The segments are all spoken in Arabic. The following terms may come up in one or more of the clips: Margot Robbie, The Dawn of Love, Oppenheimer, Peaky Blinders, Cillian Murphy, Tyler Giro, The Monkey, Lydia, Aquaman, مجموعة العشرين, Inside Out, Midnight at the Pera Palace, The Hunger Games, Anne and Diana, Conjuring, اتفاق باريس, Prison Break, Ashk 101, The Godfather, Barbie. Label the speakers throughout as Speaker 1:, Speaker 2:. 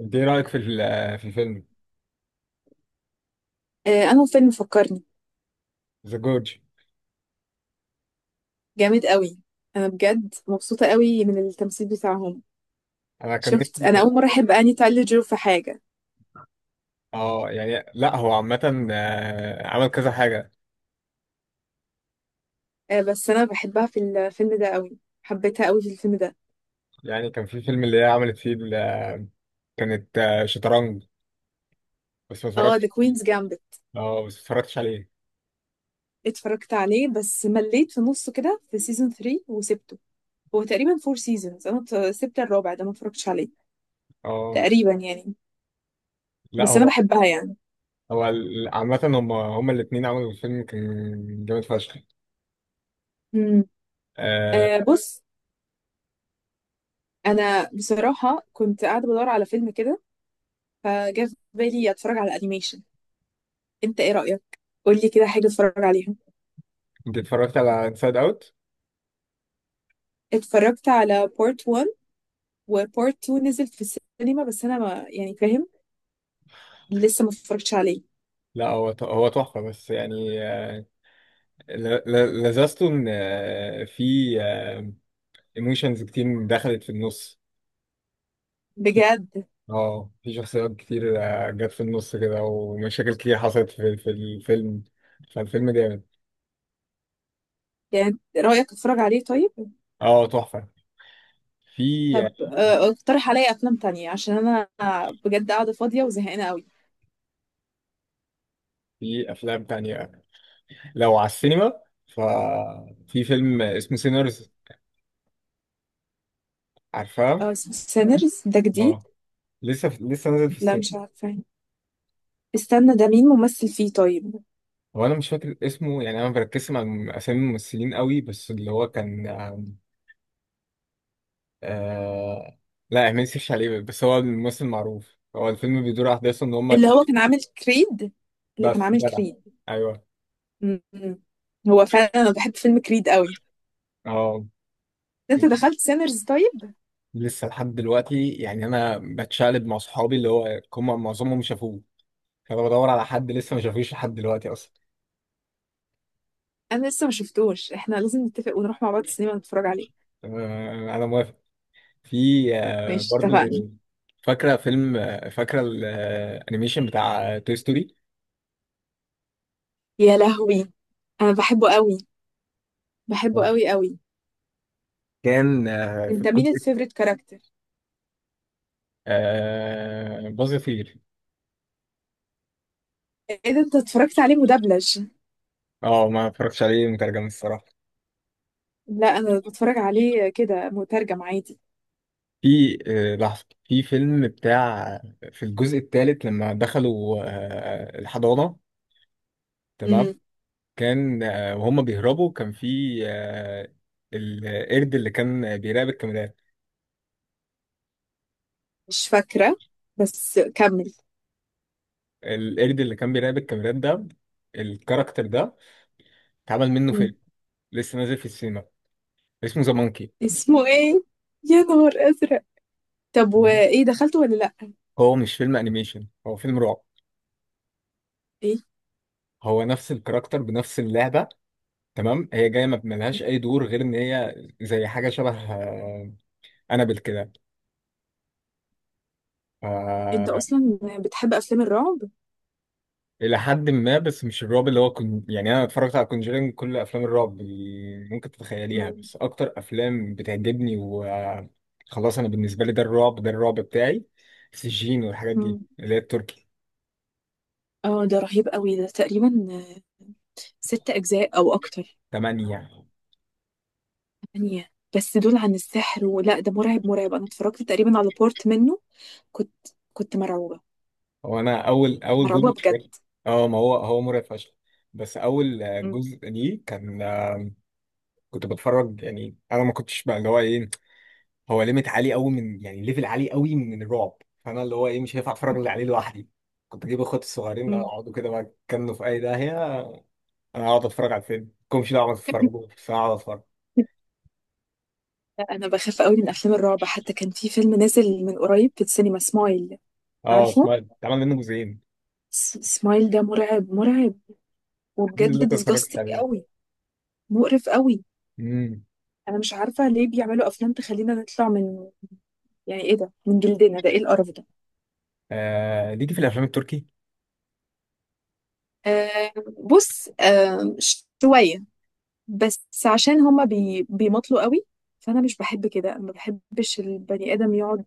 Speaker 1: انت ايه رايك في الفيلم
Speaker 2: أنه فيلم فكرني
Speaker 1: ذا جورج.
Speaker 2: جامد قوي. أنا بجد مبسوطة قوي من التمثيل بتاعهم.
Speaker 1: انا كان
Speaker 2: شفت، أنا
Speaker 1: نفسي.
Speaker 2: أول مرة أحب أني تايلر جيرو في حاجة.
Speaker 1: اه يعني لا هو عامه، عمل كذا حاجه.
Speaker 2: بس أنا بحبها في الفيلم ده قوي، حبيتها قوي في الفيلم ده.
Speaker 1: يعني كان في فيلم اللي هي عملت فيه كانت، شطرنج بس ما
Speaker 2: اه، ذا
Speaker 1: اتفرجتش.
Speaker 2: كوينز جامبت
Speaker 1: اه بس ما اتفرجتش عليه.
Speaker 2: اتفرجت عليه، بس مليت في نصه كده في سيزون 3 وسبته. هو تقريبا فور سيزونز، أنا سبت الرابع ده ما اتفرجتش عليه
Speaker 1: اه
Speaker 2: تقريبا، يعني.
Speaker 1: لا
Speaker 2: بس أنا
Speaker 1: هو
Speaker 2: بحبها يعني.
Speaker 1: عامه هم الاثنين عملوا الفيلم كان جامد فشخ.
Speaker 2: مم.
Speaker 1: آه،
Speaker 2: بص، أنا بصراحة كنت قاعدة بدور على فيلم كده، فجاء في بالي أتفرج على أنيميشن. انت ايه رأيك؟ قولي كده حاجة اتفرج عليها.
Speaker 1: انت اتفرجت على انسايد اوت؟
Speaker 2: اتفرجت على بارت 1 وبارت 2 نزل في السينما، بس انا ما يعني فاهم، لسه ما اتفرجتش عليه.
Speaker 1: لا هو هو تحفه، بس يعني، لذذته ان، في ايموشنز كتير دخلت في النص.
Speaker 2: بجد
Speaker 1: اه في شخصيات كتير جت في النص كده، ومشاكل كتير حصلت في الفيلم، فالفيلم جامد.
Speaker 2: يعني رأيك اتفرج عليه؟ طيب.
Speaker 1: اه تحفة. في
Speaker 2: طب اقترح عليا افلام تانية، عشان انا بجد قاعدة فاضية وزهقانة قوي.
Speaker 1: في افلام تانية، لو على السينما ففي فيلم اسمه سينرز، عارفاه؟
Speaker 2: اه اسمه سينرز، ده جديد؟
Speaker 1: اه لسه نازل في
Speaker 2: لا
Speaker 1: السينما.
Speaker 2: مش عارفة، استنى، ده مين ممثل فيه طيب؟
Speaker 1: هو انا مش فاكر اسمه، يعني انا ما بركزش مع اسامي الممثلين قوي، بس اللي هو كان، آه لا ما نسيش عليه، بس هو الممثل معروف. هو الفيلم بيدور احداثه ان هم،
Speaker 2: اللي هو كان عامل كريد، اللي كان
Speaker 1: بس
Speaker 2: عامل
Speaker 1: جدع.
Speaker 2: كريد.
Speaker 1: ايوه.
Speaker 2: م. هو فعلا انا بحب فيلم كريد قوي.
Speaker 1: اه
Speaker 2: انت دخلت سينرز طيب؟
Speaker 1: لسه لحد دلوقتي، يعني انا بتشقلب مع صحابي اللي هو هم معظمهم شافوه، فبدور على حد لسه ما شافوش لحد دلوقتي اصلا.
Speaker 2: انا لسه ما شفتوش، احنا لازم نتفق ونروح مع بعض السينما نتفرج عليه.
Speaker 1: انا موافق. في،
Speaker 2: ماشي،
Speaker 1: برضو
Speaker 2: اتفقنا.
Speaker 1: فاكره فيلم، فاكره الانيميشن بتاع توي ستوري.
Speaker 2: يا لهوي، انا بحبه قوي، بحبه قوي قوي.
Speaker 1: كان، في
Speaker 2: انت مين
Speaker 1: الجزء،
Speaker 2: الفيفوريت كاركتر؟
Speaker 1: باظ يطير.
Speaker 2: ايه ده، انت اتفرجت عليه مدبلج؟
Speaker 1: اه ما اتفرجتش عليه مترجم الصراحه.
Speaker 2: لا انا بتفرج عليه كده مترجم عادي.
Speaker 1: في، لحظه في فيلم بتاع، في الجزء الثالث لما دخلوا الحضانه، تمام.
Speaker 2: امم،
Speaker 1: كان، وهم بيهربوا كان في، القرد اللي كان بيراقب الكاميرات.
Speaker 2: مش فاكره، بس كمل.
Speaker 1: القرد اللي كان بيراقب الكاميرات ده، الكاركتر ده اتعمل منه
Speaker 2: مم.
Speaker 1: فيلم، لسه نازل في السينما، اسمه ذا مونكي.
Speaker 2: اسمه ايه؟ يا نهار ازرق. طب وايه، دخلته ولا لا؟
Speaker 1: هو مش فيلم انيميشن، هو فيلم رعب.
Speaker 2: ايه.
Speaker 1: هو نفس الكاركتر بنفس اللعبة، تمام. هي جاية ما ملهاش أي دور غير إن هي زي حاجة شبه، أنابل كده.
Speaker 2: انت
Speaker 1: آه،
Speaker 2: اصلا بتحب افلام الرعب؟
Speaker 1: الى حد ما، بس مش الرعب اللي هو كن... يعني انا اتفرجت على كونجرينج، كل افلام الرعب اللي ممكن تتخيليها،
Speaker 2: مم.
Speaker 1: بس اكتر افلام بتعجبني وخلاص، انا بالنسبه لي ده الرعب، ده الرعب بتاعي. سجين والحاجات دي
Speaker 2: مم.
Speaker 1: اللي هي التركي.
Speaker 2: اه ده رهيب قوي، ده تقريبا ست أجزاء أو أكتر.
Speaker 1: تمانية يعني.
Speaker 2: تمانية؟ بس دول عن السحر، ولا ده مرعب مرعب؟ أنا اتفرجت تقريبا على بورت منه، كنت كنت مرعوبة،
Speaker 1: هو انا اول
Speaker 2: مرعوبة بجد.
Speaker 1: جزء، اه ما هو هو مرعب فشخ، بس اول
Speaker 2: مم.
Speaker 1: جزء ليه كان، كنت بتفرج، يعني انا ما كنتش بقى اللي هو ايه، هو ليميت عالي قوي من، يعني ليفل عالي قوي من الرعب، فانا اللي هو ايه مش هينفع اتفرج اللي عليه لوحدي، كنت اجيب اخواتي الصغيرين لا
Speaker 2: مم.
Speaker 1: اقعدوا كده بقى يتكنوا في اي داهيه، انا اقعد اتفرج على الفيلم، مالكمش دعوه ما تتفرجوا بس انا اقعد اتفرج.
Speaker 2: لا، أنا بخاف قوي من أفلام الرعب. حتى كان في فيلم نازل من قريب في السينما، سمايل،
Speaker 1: اه
Speaker 2: عارفه؟
Speaker 1: سمعت اتعمل منه جزئين.
Speaker 2: سمايل ده مرعب مرعب،
Speaker 1: الحمد لله
Speaker 2: وبجد
Speaker 1: ما اتفرجتش
Speaker 2: ديسجاستنج
Speaker 1: عليهم.
Speaker 2: قوي، مقرف قوي.
Speaker 1: امم.
Speaker 2: أنا مش عارفة ليه بيعملوا أفلام تخلينا نطلع من، يعني إيه ده، من جلدنا؟ ده إيه القرف ده؟
Speaker 1: آه ليكي في الافلام التركي.
Speaker 2: آه، بص، شوية، بس عشان هما بيمطلوا قوي. فأنا مش بحب كده، أنا ما بحبش البني آدم يقعد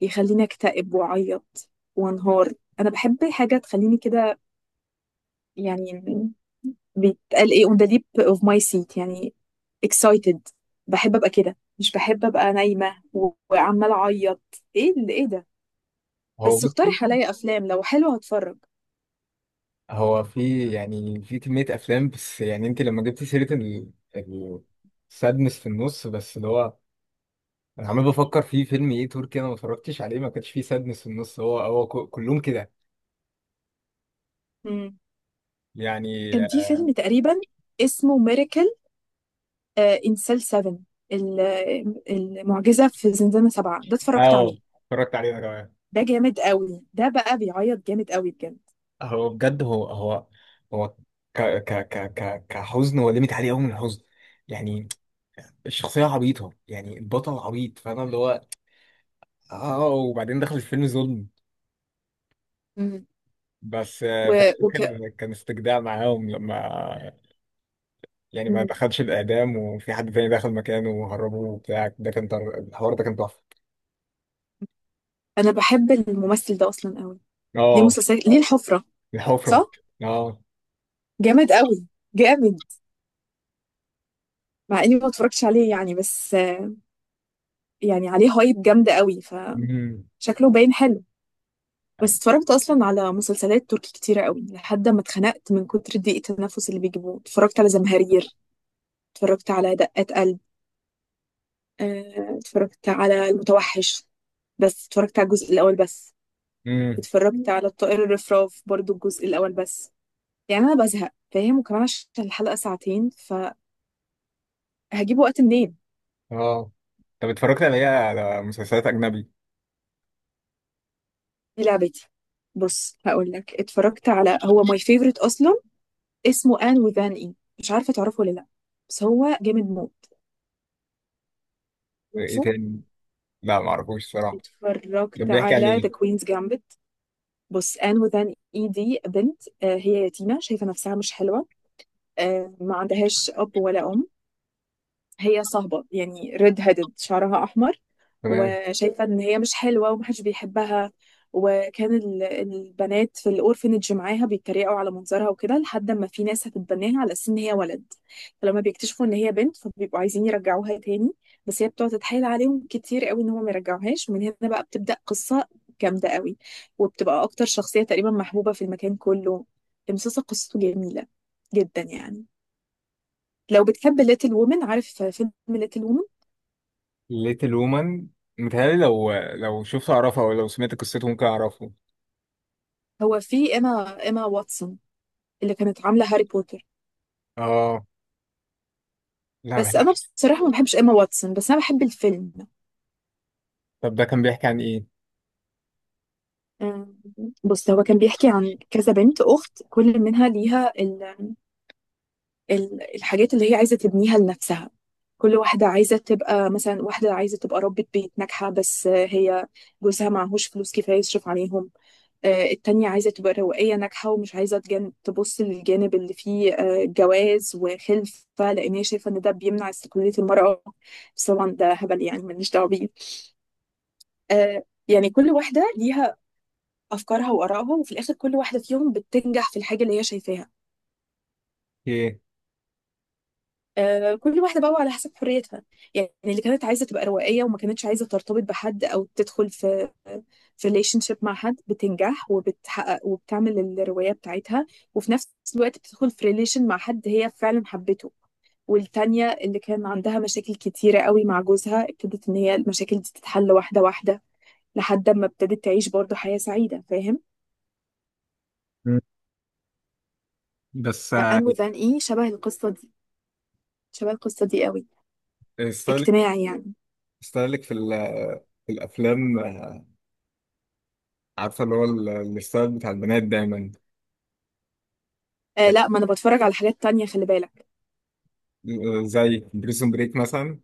Speaker 2: يخليني أكتئب وأعيط وأنهار. أنا بحب حاجة تخليني كده، يعني، بيتقال إيه، on the lip of my seat، يعني excited. بحب أبقى كده، مش بحب أبقى نايمة وعمالة أعيط. إيه اللي، إيه ده.
Speaker 1: هو
Speaker 2: بس
Speaker 1: بصي،
Speaker 2: اقترح عليا أفلام لو حلوة هتفرج.
Speaker 1: هو في يعني في كميه افلام، بس يعني انت لما جبتي سيره السادنس في النص، بس اللي هو انا عمال بفكر في فيلم ايه تركي انا ما اتفرجتش عليه ما كانش فيه سادنس في النص، هو هو كلهم كده
Speaker 2: مم.
Speaker 1: يعني.
Speaker 2: كان في فيلم تقريبا اسمه Miracle، انسل 7، ال- المعجزة في زنزانة سبعة، ده اتفرجت
Speaker 1: اه
Speaker 2: عليه.
Speaker 1: اتفرجت عليه انا كمان.
Speaker 2: ده جامد قوي ده، بقى بيعيط جامد قوي بجد.
Speaker 1: هو بجد هو هو ك ك ك ك كحزن، هو ليميت عليه قوي من الحزن يعني. الشخصيه عبيطه يعني، البطل عبيط فاهم اللي هو، اه وبعدين دخل الفيلم ظلم،
Speaker 2: مم.
Speaker 1: بس في
Speaker 2: و... وك...
Speaker 1: الاخر كان استجداع معاهم لما، يعني ما
Speaker 2: مم.
Speaker 1: دخلش الاعدام، وفي حد تاني دخل مكانه وهربوه وبتاع ده كان الحوار ده كان تحفه.
Speaker 2: انا بحب الممثل ده اصلا قوي، ليه
Speaker 1: اه.
Speaker 2: مسلسلات، ليه الحفرة،
Speaker 1: الحفرة.
Speaker 2: صح؟
Speaker 1: اه.
Speaker 2: جامد قوي، جامد، مع اني ما اتفرجتش عليه يعني، بس يعني عليه هايب جامدة قوي
Speaker 1: امم.
Speaker 2: فشكله باين حلو. بس اتفرجت اصلا على مسلسلات تركي كتيرة قوي لحد ما اتخنقت من كتر ضيق التنفس اللي بيجيبوه. اتفرجت على زمهرير، اتفرجت على دقات، اتفرجت على المتوحش بس اتفرجت على الجزء الأول بس.
Speaker 1: امم.
Speaker 2: اتفرجت على الطائر الرفراف برضو الجزء الأول بس. يعني أنا بزهق فاهم، وكمان عشان الحلقة ساعتين فهجيب وقت منين.
Speaker 1: اه طب اتفرجت على ايه، على مسلسلات أجنبي؟
Speaker 2: دي لعبتي. بص هقول لك، اتفرجت على، هو ماي فيفورت أصلا، اسمه آن وذان إي، مش عارفة تعرفه ولا لأ، بس هو جامد موت.
Speaker 1: ايه
Speaker 2: عارفه؟
Speaker 1: تاني؟ لا معرفوش الصراحة.
Speaker 2: اتفرجت
Speaker 1: كان بيحكي عن
Speaker 2: على ذا
Speaker 1: ايه؟
Speaker 2: كوينز جامبت. بص، آن وذان إي دي بنت، هي يتيمة شايفة نفسها مش حلوة، ما عندهاش أب ولا أم، هي صهبة يعني ريد هيدد، شعرها أحمر،
Speaker 1: تمام.
Speaker 2: وشايفة إن هي مش حلوة ومحدش بيحبها. وكان البنات في الأورفنج معاها بيتريقوا على منظرها وكده، لحد ما في ناس هتتبناها على أساس إن هي ولد. فلما بيكتشفوا إن هي بنت فبيبقوا عايزين يرجعوها تاني، بس هي بتقعد تتحايل عليهم كتير قوي إن هم ما يرجعوهاش. ومن هنا بقى بتبدأ قصة جامدة قوي، وبتبقى أكتر شخصية تقريبا محبوبة في المكان كله. المسلسل قصته جميلة جدا يعني. لو بتحب ليتل وومن، عارف فيلم ليتل وومن؟
Speaker 1: ليتل وومن، متهيألي لو لو شفت أعرفه، أو لو سمعت قصته ممكن أعرفه.
Speaker 2: هو في ايما واتسون، اللي كانت عامله هاري بوتر.
Speaker 1: اه لا
Speaker 2: بس
Speaker 1: بحنا.
Speaker 2: انا بصراحه ما بحبش ايما واتسون، بس انا بحب الفيلم.
Speaker 1: طب ده كان بيحكي عن ايه؟
Speaker 2: أم، بص هو كان بيحكي عن كذا بنت اخت، كل منها ليها الحاجات اللي هي عايزه تبنيها لنفسها. كل واحده عايزه تبقى، مثلا واحده عايزه تبقى ربة بيت ناجحه بس هي جوزها معهوش فلوس كفايه يصرف عليهم. التانية عايزة تبقى روائية ناجحة ومش عايزة تبص للجانب اللي فيه جواز وخلفة، لأن هي شايفة إن ده بيمنع استقلالية المرأة. بس طبعا ده هبل، يعني ملناش دعوة بيه. يعني كل واحدة ليها أفكارها وآرائها، وفي الآخر كل واحدة فيهم بتنجح في الحاجة اللي هي شايفاها،
Speaker 1: ايه.
Speaker 2: كل واحدة بقى على حسب حريتها. يعني اللي كانت عايزة تبقى روائية وما كانتش عايزة ترتبط بحد أو تدخل في في ريليشن شيب مع حد، بتنجح وبتحقق وبتعمل الرواية بتاعتها، وفي نفس الوقت بتدخل في ريليشن مع حد هي فعلا حبته. والتانية اللي كان عندها مشاكل كتيرة قوي مع جوزها، ابتدت إن هي المشاكل دي تتحل واحدة واحدة، لحد ما ابتدت تعيش برضه حياة سعيدة، فاهم؟
Speaker 1: مم. بس،
Speaker 2: فأنمو ذان إيه شبه القصة دي، شبه القصة دي قوي،
Speaker 1: ستايلك،
Speaker 2: اجتماعي يعني.
Speaker 1: ستايلك في الافلام، عارفه اللي هو الستايل بتاع البنات دايما.
Speaker 2: آه
Speaker 1: يعني،
Speaker 2: لا، ما أنا بتفرج على حاجات تانية، خلي بالك.
Speaker 1: زي بريزون بريك مثلا.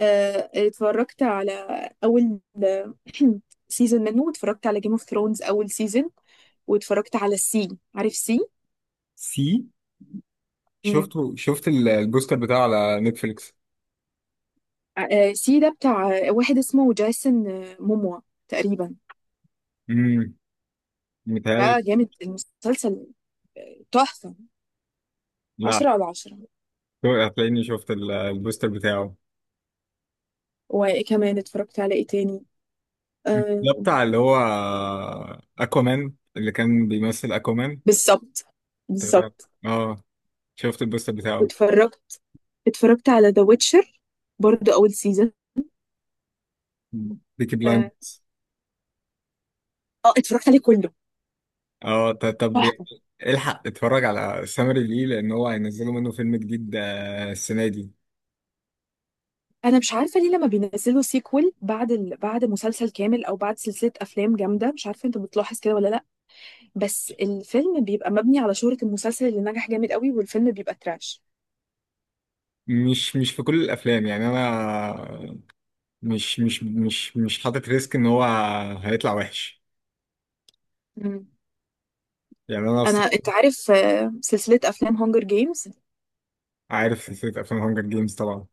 Speaker 2: اتفرجت على اول سيزون منه، واتفرجت على جيم اوف ثرونز اول سيزون، واتفرجت على السي، عارف سي؟
Speaker 1: سي،
Speaker 2: امم،
Speaker 1: شفته، شفت البوستر بتاعه على نتفليكس.
Speaker 2: سي ده بتاع واحد اسمه جايسون موموا تقريبا.
Speaker 1: امم. متهيألي.
Speaker 2: ده جامد المسلسل، تحفة،
Speaker 1: لا.
Speaker 2: عشرة على عشرة.
Speaker 1: هتلاقيني شفت البوستر بتاعه.
Speaker 2: وكمان اتفرجت على ايه تاني،
Speaker 1: مم.
Speaker 2: آه،
Speaker 1: ده بتاع اللي هو اكوامان، اللي كان بيمثل اكوامان.
Speaker 2: بالظبط
Speaker 1: تمام.
Speaker 2: بالظبط.
Speaker 1: اه. شفت البوستر بتاعه.
Speaker 2: واتفرجت اتفرجت على ذا ويتشر برضو اول سيزون.
Speaker 1: بيكي
Speaker 2: اه،
Speaker 1: بلايندرز.
Speaker 2: اتفرجت عليه كله.
Speaker 1: اه طب الحق اتفرج على سامري ليه، لان هو هينزلوا منه فيلم جديد السنه دي.
Speaker 2: انا مش عارفه ليه لما بينزلوا سيكول بعد بعد مسلسل كامل او بعد سلسله افلام جامده، مش عارفه، انت بتلاحظ كده ولا لا؟ بس الفيلم بيبقى مبني على شهره المسلسل اللي نجح جامد قوي، والفيلم بيبقى تراش.
Speaker 1: مش في كل الافلام، يعني انا مش حاطط ريسك ان هو هيطلع وحش
Speaker 2: مم.
Speaker 1: يعني. انا
Speaker 2: انت عارف سلسله افلام هونجر جيمز؟
Speaker 1: عارف سلسلة أفلام هانجر جيمز طبعا.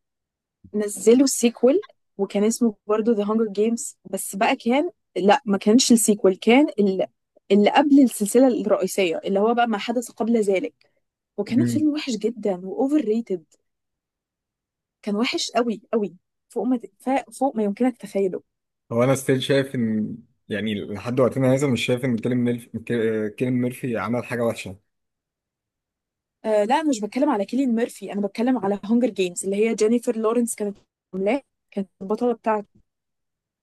Speaker 2: نزلوا سيكول، وكان اسمه برضو ذا هونجر جيمز بس بقى، كان، لا ما كانش السيكول، كان اللي قبل السلسله الرئيسيه، اللي هو بقى ما حدث قبل ذلك. وكان
Speaker 1: مم.
Speaker 2: الفيلم وحش جدا واوفر ريتد، كان وحش قوي قوي، فوق ما ف- فوق ما يمكنك تخيله.
Speaker 1: هو أنا ستيل شايف إن، يعني لحد وقتنا هذا مش شايف إن كيليان ميرفي، كيليان ميرفي عمل حاجة وحشة.
Speaker 2: آه لا انا مش بتكلم على كيليان ميرفي، انا بتكلم على هونجر جيمز اللي هي جينيفر لورنس كانت عاملاه، كانت البطله بتاعته.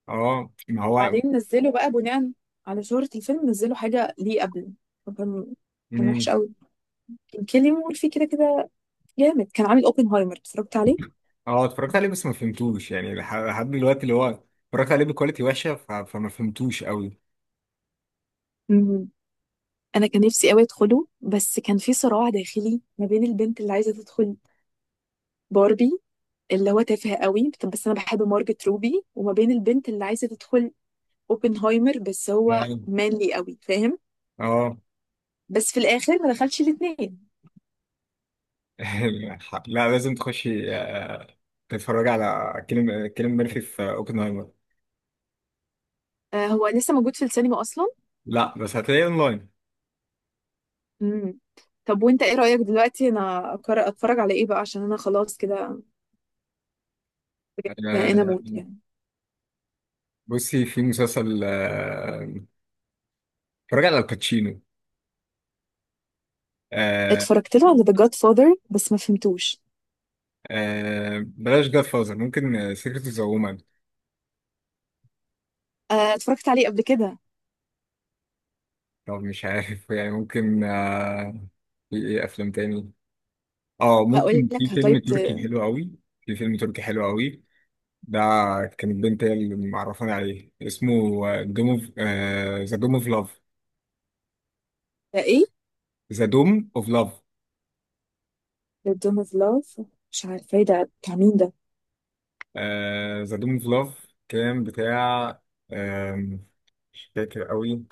Speaker 1: أه ما هو.
Speaker 2: وبعدين نزلوا بقى بناء على شهرة الفيلم، نزلوا حاجه ليه قبل، فكان، كان وحش
Speaker 1: مم.
Speaker 2: قوي. كان كيليان ميرفي كده كده جامد، كان عامل اوبنهايمر، اتفرجت عليه.
Speaker 1: أه اتفرجت عليه بس ما فهمتوش يعني لحد دلوقتي اللي هو، اتفرجت عليه بكواليتي وحشة ف... فما فهمتوش قوي.
Speaker 2: مم. انا كان نفسي قوي ادخله، بس كان في صراع داخلي ما بين البنت اللي عايزه تدخل باربي، اللي هو تافه قوي بس انا بحب مارجت روبي، وما بين البنت اللي عايزه تدخل اوبنهايمر، بس هو
Speaker 1: نعم.
Speaker 2: مانلي قوي فاهم.
Speaker 1: أه.
Speaker 2: بس في الاخر ما دخلش الاثنين.
Speaker 1: لا لازم تخشي، تتفرج على كيليان ميرفي في أوبنهايمر.
Speaker 2: آه، هو لسه موجود في السينما اصلا؟
Speaker 1: لا بس هتلاقيه أونلاين.
Speaker 2: امم. طب وانت ايه رايك دلوقتي، انا اتفرج على ايه بقى عشان انا خلاص كده بجد انا
Speaker 1: آه،
Speaker 2: موت يعني.
Speaker 1: بصي في مسلسل، اتفرج على الباتشينو. آه.
Speaker 2: اتفرجت له على ذا جاد فاذر بس ما فهمتوش.
Speaker 1: آه بلاش جاد فازر، ممكن سيكريت اوف ذا وومن.
Speaker 2: آه، اتفرجت عليه قبل كده.
Speaker 1: طب مش عارف يعني ممكن آه، في ايه افلام تاني. اه
Speaker 2: هقول
Speaker 1: ممكن، في
Speaker 2: لك
Speaker 1: فيلم
Speaker 2: هتايبت.
Speaker 1: تركي حلو قوي، في فيلم تركي حلو قوي ده، كان البنت هي اللي معرفاني عليه، اسمه دوم اوف، ذا دوم اوف لاف.
Speaker 2: ده ايه؟
Speaker 1: ذا دوم اوف لاف.
Speaker 2: ذا دون اوف لاف، مش عارفه إيه ده، بتاع مين ده؟
Speaker 1: ذا دوم اوف لاف كان بتاع، آم، مش فاكر قوي،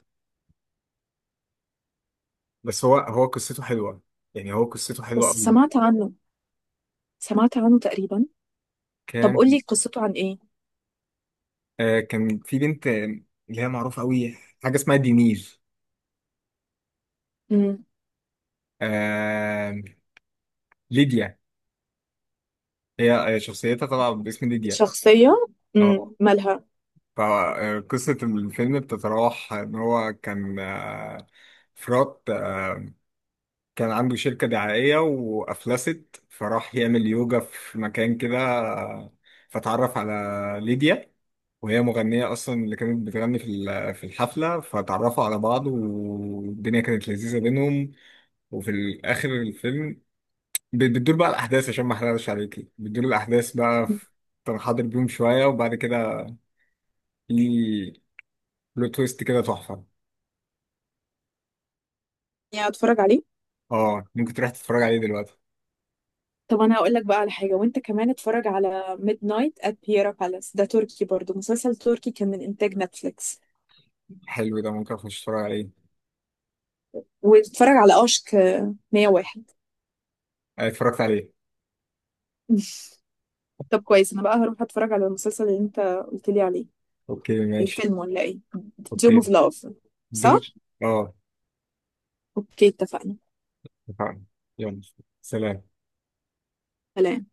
Speaker 1: بس هو قصته حلوه، يعني هو قصته حلوه
Speaker 2: بس
Speaker 1: قوي.
Speaker 2: سمعت عنه، سمعت عنه تقريبا. طب
Speaker 1: كان،
Speaker 2: قولي قصته عن ايه؟
Speaker 1: كان في بنت، اللي هي معروفة قوي، حاجة اسمها دينير،
Speaker 2: امم.
Speaker 1: آه، ليديا. هي، شخصيتها طبعا باسم ليديا.
Speaker 2: شخصية، امم،
Speaker 1: اه.
Speaker 2: مالها؟
Speaker 1: فقصة الفيلم بتتراوح ان هو كان، فرات، كان عنده شركة دعائية وأفلست، فراح يعمل يوجا في مكان كده، فتعرف على ليديا، وهي مغنية أصلا اللي كانت بتغني في الحفلة، فتعرفوا على بعض والدنيا كانت لذيذة بينهم. وفي الاخر الفيلم، بتدور بقى الاحداث، عشان ما احرقش عليكي، بتدور الاحداث بقى
Speaker 2: مم.
Speaker 1: في، كان حاضر بيهم شويه وبعد كده في بلوت تويست كده تحفه.
Speaker 2: يعني اتفرج عليه.
Speaker 1: اه ممكن تروح تتفرج عليه دلوقتي.
Speaker 2: طب انا هقول لك بقى على حاجة، وانت كمان اتفرج على ميد نايت ات بيرا بالاس، ده تركي برضو، مسلسل تركي كان من انتاج نتفليكس.
Speaker 1: حلو ده، ممكن اخش اتفرج عليه.
Speaker 2: واتفرج على اشك 101.
Speaker 1: اتفرجت عليه.
Speaker 2: طب كويس، انا بقى هروح اتفرج على المسلسل اللي انت قلت لي عليه،
Speaker 1: اوكي ماشي.
Speaker 2: الفيلم ولا ايه؟ دوم
Speaker 1: اوكي.
Speaker 2: اوف لاف، صح.
Speaker 1: دوم. اه.
Speaker 2: اوكي، اتفقنا.
Speaker 1: اتفقنا. يلا. سلام.
Speaker 2: سلام.